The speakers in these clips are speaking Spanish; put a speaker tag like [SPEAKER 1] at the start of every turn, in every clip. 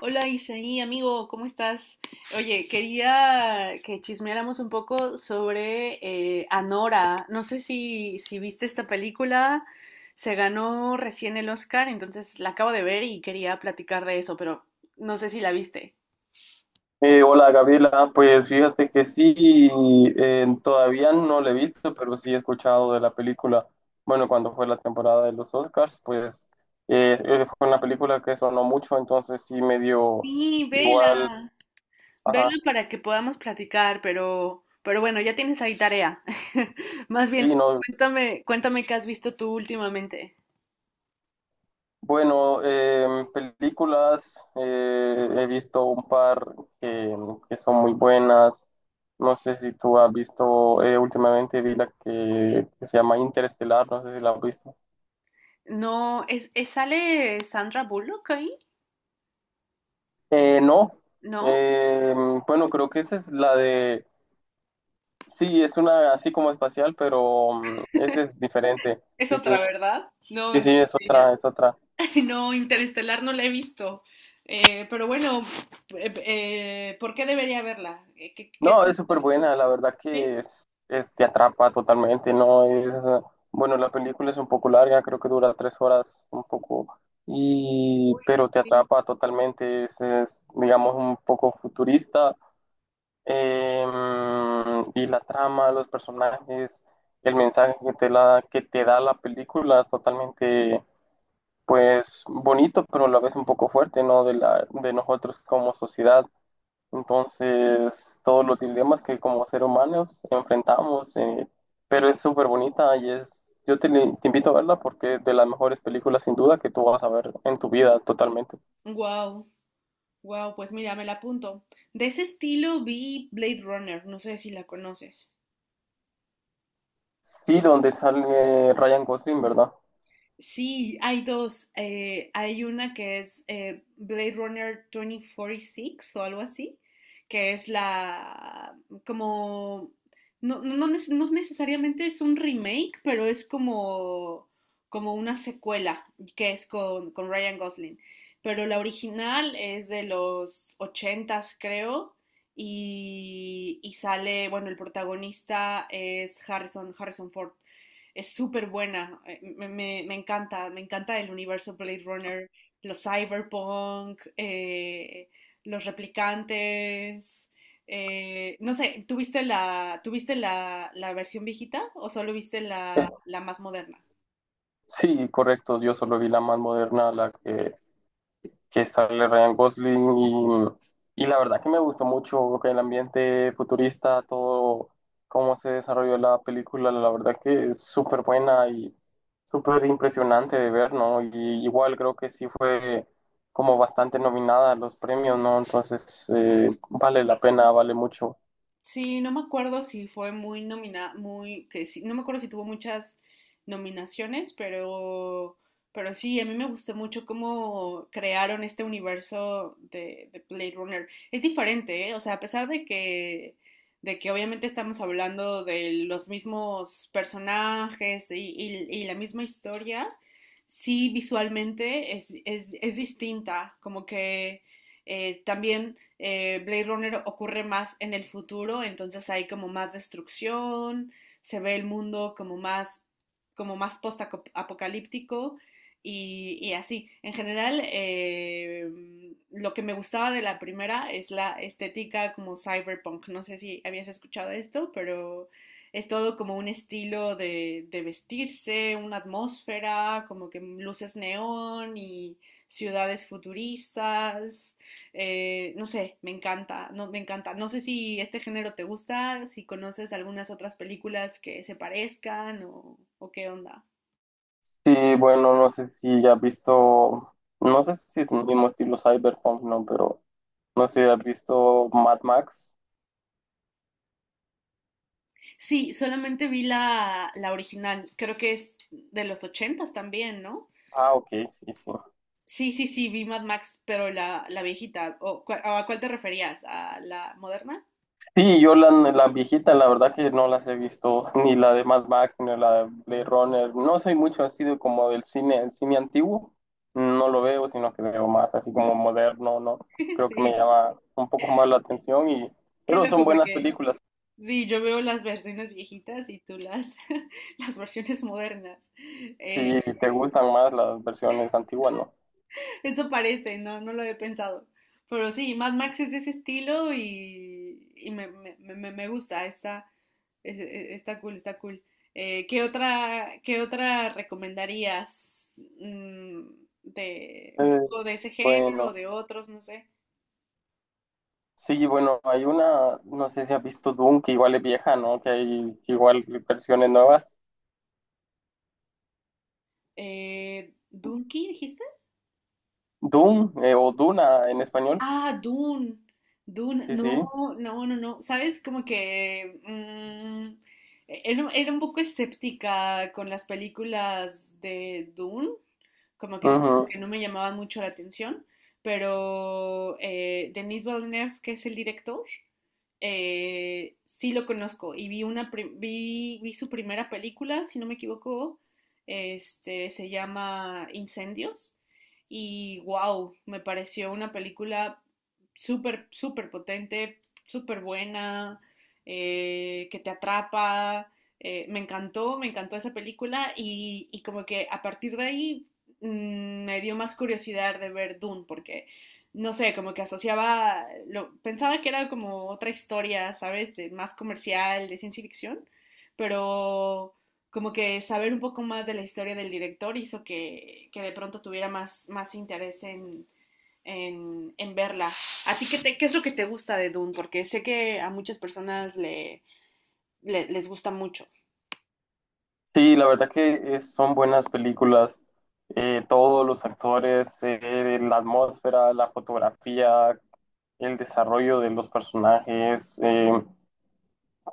[SPEAKER 1] Hola Isaí, amigo, ¿cómo estás? Oye, quería que chismeáramos un poco sobre Anora. No sé si viste esta película, se ganó recién el Oscar, entonces la acabo de ver y quería platicar de eso, pero no sé si la viste.
[SPEAKER 2] Hola Gabriela, pues fíjate que sí, todavía no la he visto, pero sí he escuchado de la película. Bueno, cuando fue la temporada de los Oscars, pues fue una película que sonó mucho, entonces sí me dio
[SPEAKER 1] Sí,
[SPEAKER 2] igual.
[SPEAKER 1] vela, vela
[SPEAKER 2] Ajá,
[SPEAKER 1] para que podamos platicar, pero bueno, ya tienes ahí tarea. Más bien,
[SPEAKER 2] sí, no.
[SPEAKER 1] cuéntame, cuéntame qué has visto tú últimamente.
[SPEAKER 2] Bueno, películas, he visto un par que, que son muy buenas. No sé si tú has visto, últimamente vi la que se llama Interestelar, no sé si la has visto.
[SPEAKER 1] No, ¿sale Sandra Bullock ahí?
[SPEAKER 2] No.
[SPEAKER 1] ¿No?
[SPEAKER 2] Eh, bueno, creo que esa es la de... Sí, es una así como espacial, pero esa es diferente.
[SPEAKER 1] Es
[SPEAKER 2] Sí,
[SPEAKER 1] otra,
[SPEAKER 2] sí.
[SPEAKER 1] ¿verdad?
[SPEAKER 2] Sí,
[SPEAKER 1] No,
[SPEAKER 2] sí, es
[SPEAKER 1] sí, ya.
[SPEAKER 2] otra, es otra.
[SPEAKER 1] No, Interestelar no la he visto. Pero bueno, ¿por qué debería verla? ¿Qué, qué
[SPEAKER 2] No,
[SPEAKER 1] te
[SPEAKER 2] es súper
[SPEAKER 1] hizo?
[SPEAKER 2] buena, la verdad
[SPEAKER 1] ¿Sí?
[SPEAKER 2] que te atrapa totalmente, ¿no? Es, bueno, la película es un poco larga, creo que dura 3 horas, un poco, y,
[SPEAKER 1] Uy,
[SPEAKER 2] pero te
[SPEAKER 1] sí.
[SPEAKER 2] atrapa totalmente, es, digamos, un poco futurista. Y la trama, los personajes, el mensaje que te que te da la película es totalmente, pues, bonito, pero a la vez un poco fuerte, ¿no? De nosotros como sociedad. Entonces, todos los dilemas que como seres humanos enfrentamos, pero es súper bonita y es, yo te, te invito a verla porque es de las mejores películas sin duda que tú vas a ver en tu vida totalmente.
[SPEAKER 1] Wow, wow, pues mira, me la apunto. De ese estilo vi Blade Runner, no sé si la conoces.
[SPEAKER 2] Sí, donde sale Ryan Gosling, ¿verdad?
[SPEAKER 1] Sí, hay dos. Hay una que es Blade Runner 2046 o algo así, que es la como no, no, no necesariamente es un remake, pero es como, como una secuela que es con Ryan Gosling. Pero la original es de los ochentas, creo, y sale, bueno, el protagonista es Harrison, Harrison Ford, es súper buena. Me encanta, me encanta el universo Blade Runner, los cyberpunk, los replicantes. No sé, tuviste la versión viejita o solo viste la más moderna?
[SPEAKER 2] Sí, correcto. Yo solo vi la más moderna, la que sale Ryan Gosling y la verdad que me gustó mucho que el ambiente futurista, todo cómo se desarrolló la película, la verdad que es súper buena y súper impresionante de ver, ¿no? Y igual creo que sí fue como bastante nominada a los premios, ¿no? Entonces vale la pena, vale mucho.
[SPEAKER 1] Sí, no me acuerdo si fue muy nominada, muy, que sí, no me acuerdo si tuvo muchas nominaciones, pero sí, a mí me gustó mucho cómo crearon este universo de Blade Runner. Es diferente, ¿eh? O sea, a pesar de que obviamente estamos hablando de los mismos personajes y la misma historia, sí, visualmente es distinta, como que también Blade Runner ocurre más en el futuro, entonces hay como más destrucción, se ve el mundo como más post-apocalíptico así. En general, lo que me gustaba de la primera es la estética como cyberpunk. No sé si habías escuchado esto, pero es todo como un estilo de vestirse, una atmósfera, como que luces neón y ciudades futuristas. No sé, me encanta. No sé si este género te gusta, si conoces algunas otras películas que se parezcan o qué onda.
[SPEAKER 2] Sí, bueno, no sé si ya has visto, no sé si es el mismo estilo Cyberpunk, ¿no? Pero no sé, ¿has visto Mad Max?
[SPEAKER 1] Sí, solamente vi la original, creo que es de los ochentas también, ¿no?
[SPEAKER 2] Ah, ok, sí, sí.
[SPEAKER 1] Sí, sí, sí, vi Mad Max, pero la viejita. ¿O a cuál te referías? ¿A la moderna?
[SPEAKER 2] Sí, yo la, la viejita, la verdad que no las he visto, ni la de Mad Max, ni la de Blade Runner. No soy mucho así de como del cine, el cine antiguo, no lo veo, sino que veo más así como moderno, ¿no? Creo que me
[SPEAKER 1] Sí,
[SPEAKER 2] llama un poco más la atención y...
[SPEAKER 1] qué
[SPEAKER 2] Pero son
[SPEAKER 1] loco
[SPEAKER 2] buenas
[SPEAKER 1] porque...
[SPEAKER 2] películas,
[SPEAKER 1] Sí, yo veo las versiones viejitas y tú las, las versiones modernas. Eh,
[SPEAKER 2] si te gustan más las versiones antiguas, ¿no?
[SPEAKER 1] Eso parece, no, no lo he pensado. Pero sí, Mad Max es de ese estilo y me gusta, está, está cool, está cool. Qué otra recomendarías mm, de un
[SPEAKER 2] Eh,
[SPEAKER 1] poco de ese género o
[SPEAKER 2] bueno,
[SPEAKER 1] de otros, no sé?
[SPEAKER 2] sí, bueno, hay una, no sé si has visto Doom, que igual es vieja, ¿no? Que hay igual versiones nuevas.
[SPEAKER 1] ¿Dunkin' dijiste?
[SPEAKER 2] Doom o Duna en español.
[SPEAKER 1] Ah, Dune. Dune.
[SPEAKER 2] Sí, sí.
[SPEAKER 1] No, no, no, no. ¿Sabes? Como que mm, era un poco escéptica con las películas de Dune, como que siento
[SPEAKER 2] Ujú.
[SPEAKER 1] que no me llamaban mucho la atención, pero Denis Villeneuve, que es el director, sí lo conozco y vi su primera película, si no me equivoco, este, se llama Incendios y wow, me pareció una película súper, súper potente, súper buena, que te atrapa. Me encantó, me encantó esa película y como que a partir de ahí mmm, me dio más curiosidad de ver Dune porque, no sé, como que asociaba, lo, pensaba que era como otra historia, ¿sabes? De más comercial, de ciencia ficción, pero como que saber un poco más de la historia del director hizo que de pronto tuviera más, más interés en verla. ¿A ti qué, te, qué es lo que te gusta de Dune? Porque sé que a muchas personas les gusta mucho.
[SPEAKER 2] Sí, la verdad que son buenas películas. Todos los actores, la atmósfera, la fotografía, el desarrollo de los personajes.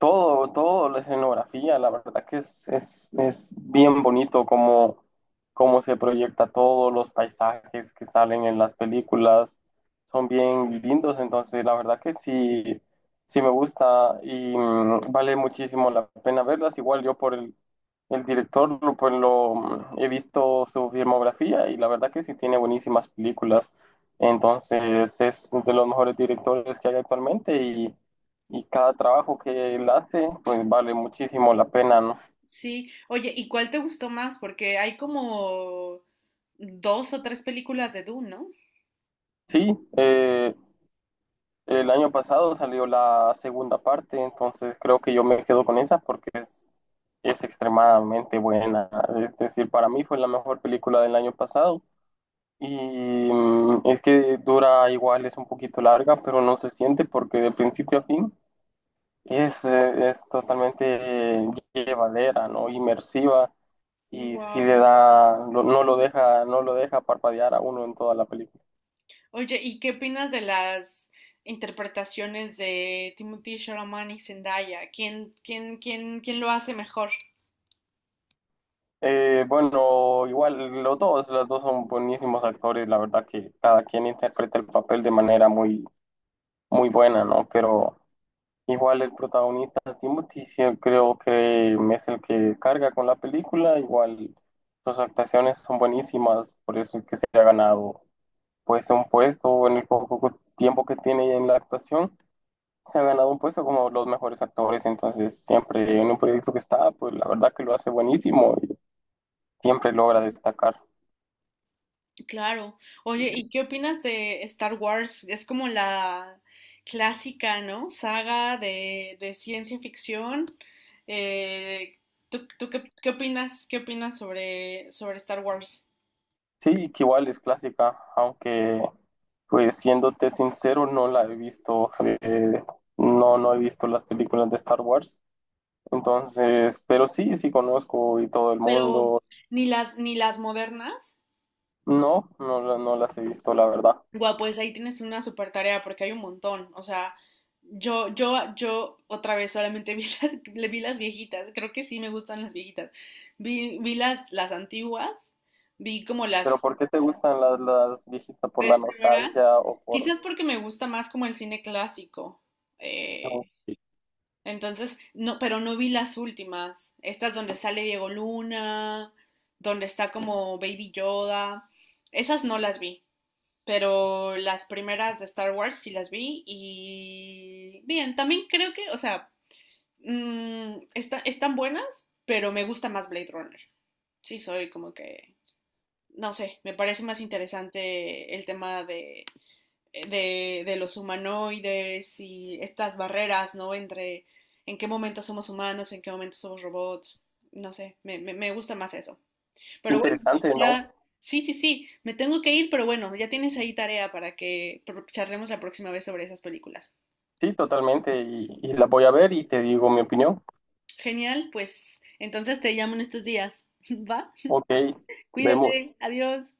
[SPEAKER 2] Todo, todo, la escenografía, la verdad que es bien bonito cómo, cómo se proyecta todo, los paisajes que salen en las películas son bien lindos, entonces la verdad que sí, sí me gusta y vale muchísimo la pena verlas. Igual yo por el director, pues he visto su filmografía y la verdad que sí tiene buenísimas películas, entonces es de los mejores directores que hay actualmente y cada trabajo que él hace, pues vale muchísimo la pena, ¿no?
[SPEAKER 1] Sí, oye, ¿y cuál te gustó más? Porque hay como dos o tres películas de Dune, ¿no?
[SPEAKER 2] Sí, el año pasado salió la segunda parte, entonces creo que yo me quedo con esa porque es extremadamente buena. Es decir, para mí fue la mejor película del año pasado y es que dura igual, es un poquito larga, pero no se siente porque de principio a fin es totalmente llevadera, ¿no? Inmersiva y sí le
[SPEAKER 1] Wow.
[SPEAKER 2] da, no lo deja, no lo deja parpadear a uno en toda la película.
[SPEAKER 1] Oye, ¿y qué opinas de las interpretaciones de Timothée Chalamet y Zendaya? ¿Quién, quién, quién, quién lo hace mejor?
[SPEAKER 2] Bueno, igual los dos son buenísimos actores, la verdad que cada quien interpreta el papel de manera muy, muy buena, ¿no? Pero igual el protagonista Timothy, yo creo que es el que carga con la película, igual sus actuaciones son buenísimas, por eso es que se ha ganado pues un puesto en el poco tiempo que tiene en la actuación. Se ha ganado un puesto como los mejores actores, entonces siempre en un proyecto que está, pues la verdad que lo hace buenísimo y siempre logra destacar.
[SPEAKER 1] Claro. Oye, ¿y qué opinas de Star Wars? Es como la clásica, ¿no? Saga de ciencia ficción. Eh, ¿tú qué, qué opinas sobre Star Wars?
[SPEAKER 2] Sí, que igual es clásica, aunque pues siéndote sincero, no la he visto, eh, no, no he visto las películas de Star Wars, entonces, pero sí, sí conozco y todo el
[SPEAKER 1] Pero
[SPEAKER 2] mundo,
[SPEAKER 1] ni las, ni las modernas.
[SPEAKER 2] no, no, no las he visto, la verdad.
[SPEAKER 1] Guau, pues ahí tienes una super tarea porque hay un montón. O sea, yo otra vez solamente vi las, le vi las viejitas. Creo que sí me gustan las viejitas. Vi, vi las antiguas, vi como
[SPEAKER 2] Pero
[SPEAKER 1] las
[SPEAKER 2] ¿por qué te gustan las viejitas? ¿Por
[SPEAKER 1] tres
[SPEAKER 2] la
[SPEAKER 1] primeras.
[SPEAKER 2] nostalgia o por...
[SPEAKER 1] Quizás porque me gusta más como el cine clásico.
[SPEAKER 2] no?
[SPEAKER 1] Eh,
[SPEAKER 2] Qué
[SPEAKER 1] entonces, no, pero no vi las últimas. Estas donde sale Diego Luna, donde está como Baby Yoda. Esas no las vi. Pero las primeras de Star Wars sí las vi y bien, también creo que, o sea, mmm, están buenas, pero me gusta más Blade Runner. Sí, soy como que, no sé, me parece más interesante el tema de los humanoides y estas barreras, ¿no? Entre en qué momento somos humanos, en qué momento somos robots, no sé, me gusta más eso. Pero bueno,
[SPEAKER 2] interesante, ¿no?
[SPEAKER 1] ya, sí, sí, sí, me tengo que ir, pero bueno, ya tienes ahí tarea para que charlemos la próxima vez sobre esas películas.
[SPEAKER 2] Sí, totalmente. Y la voy a ver y te digo mi opinión.
[SPEAKER 1] Genial, pues entonces te llamo en estos días, ¿va?
[SPEAKER 2] Ok, vemos.
[SPEAKER 1] Cuídate, adiós.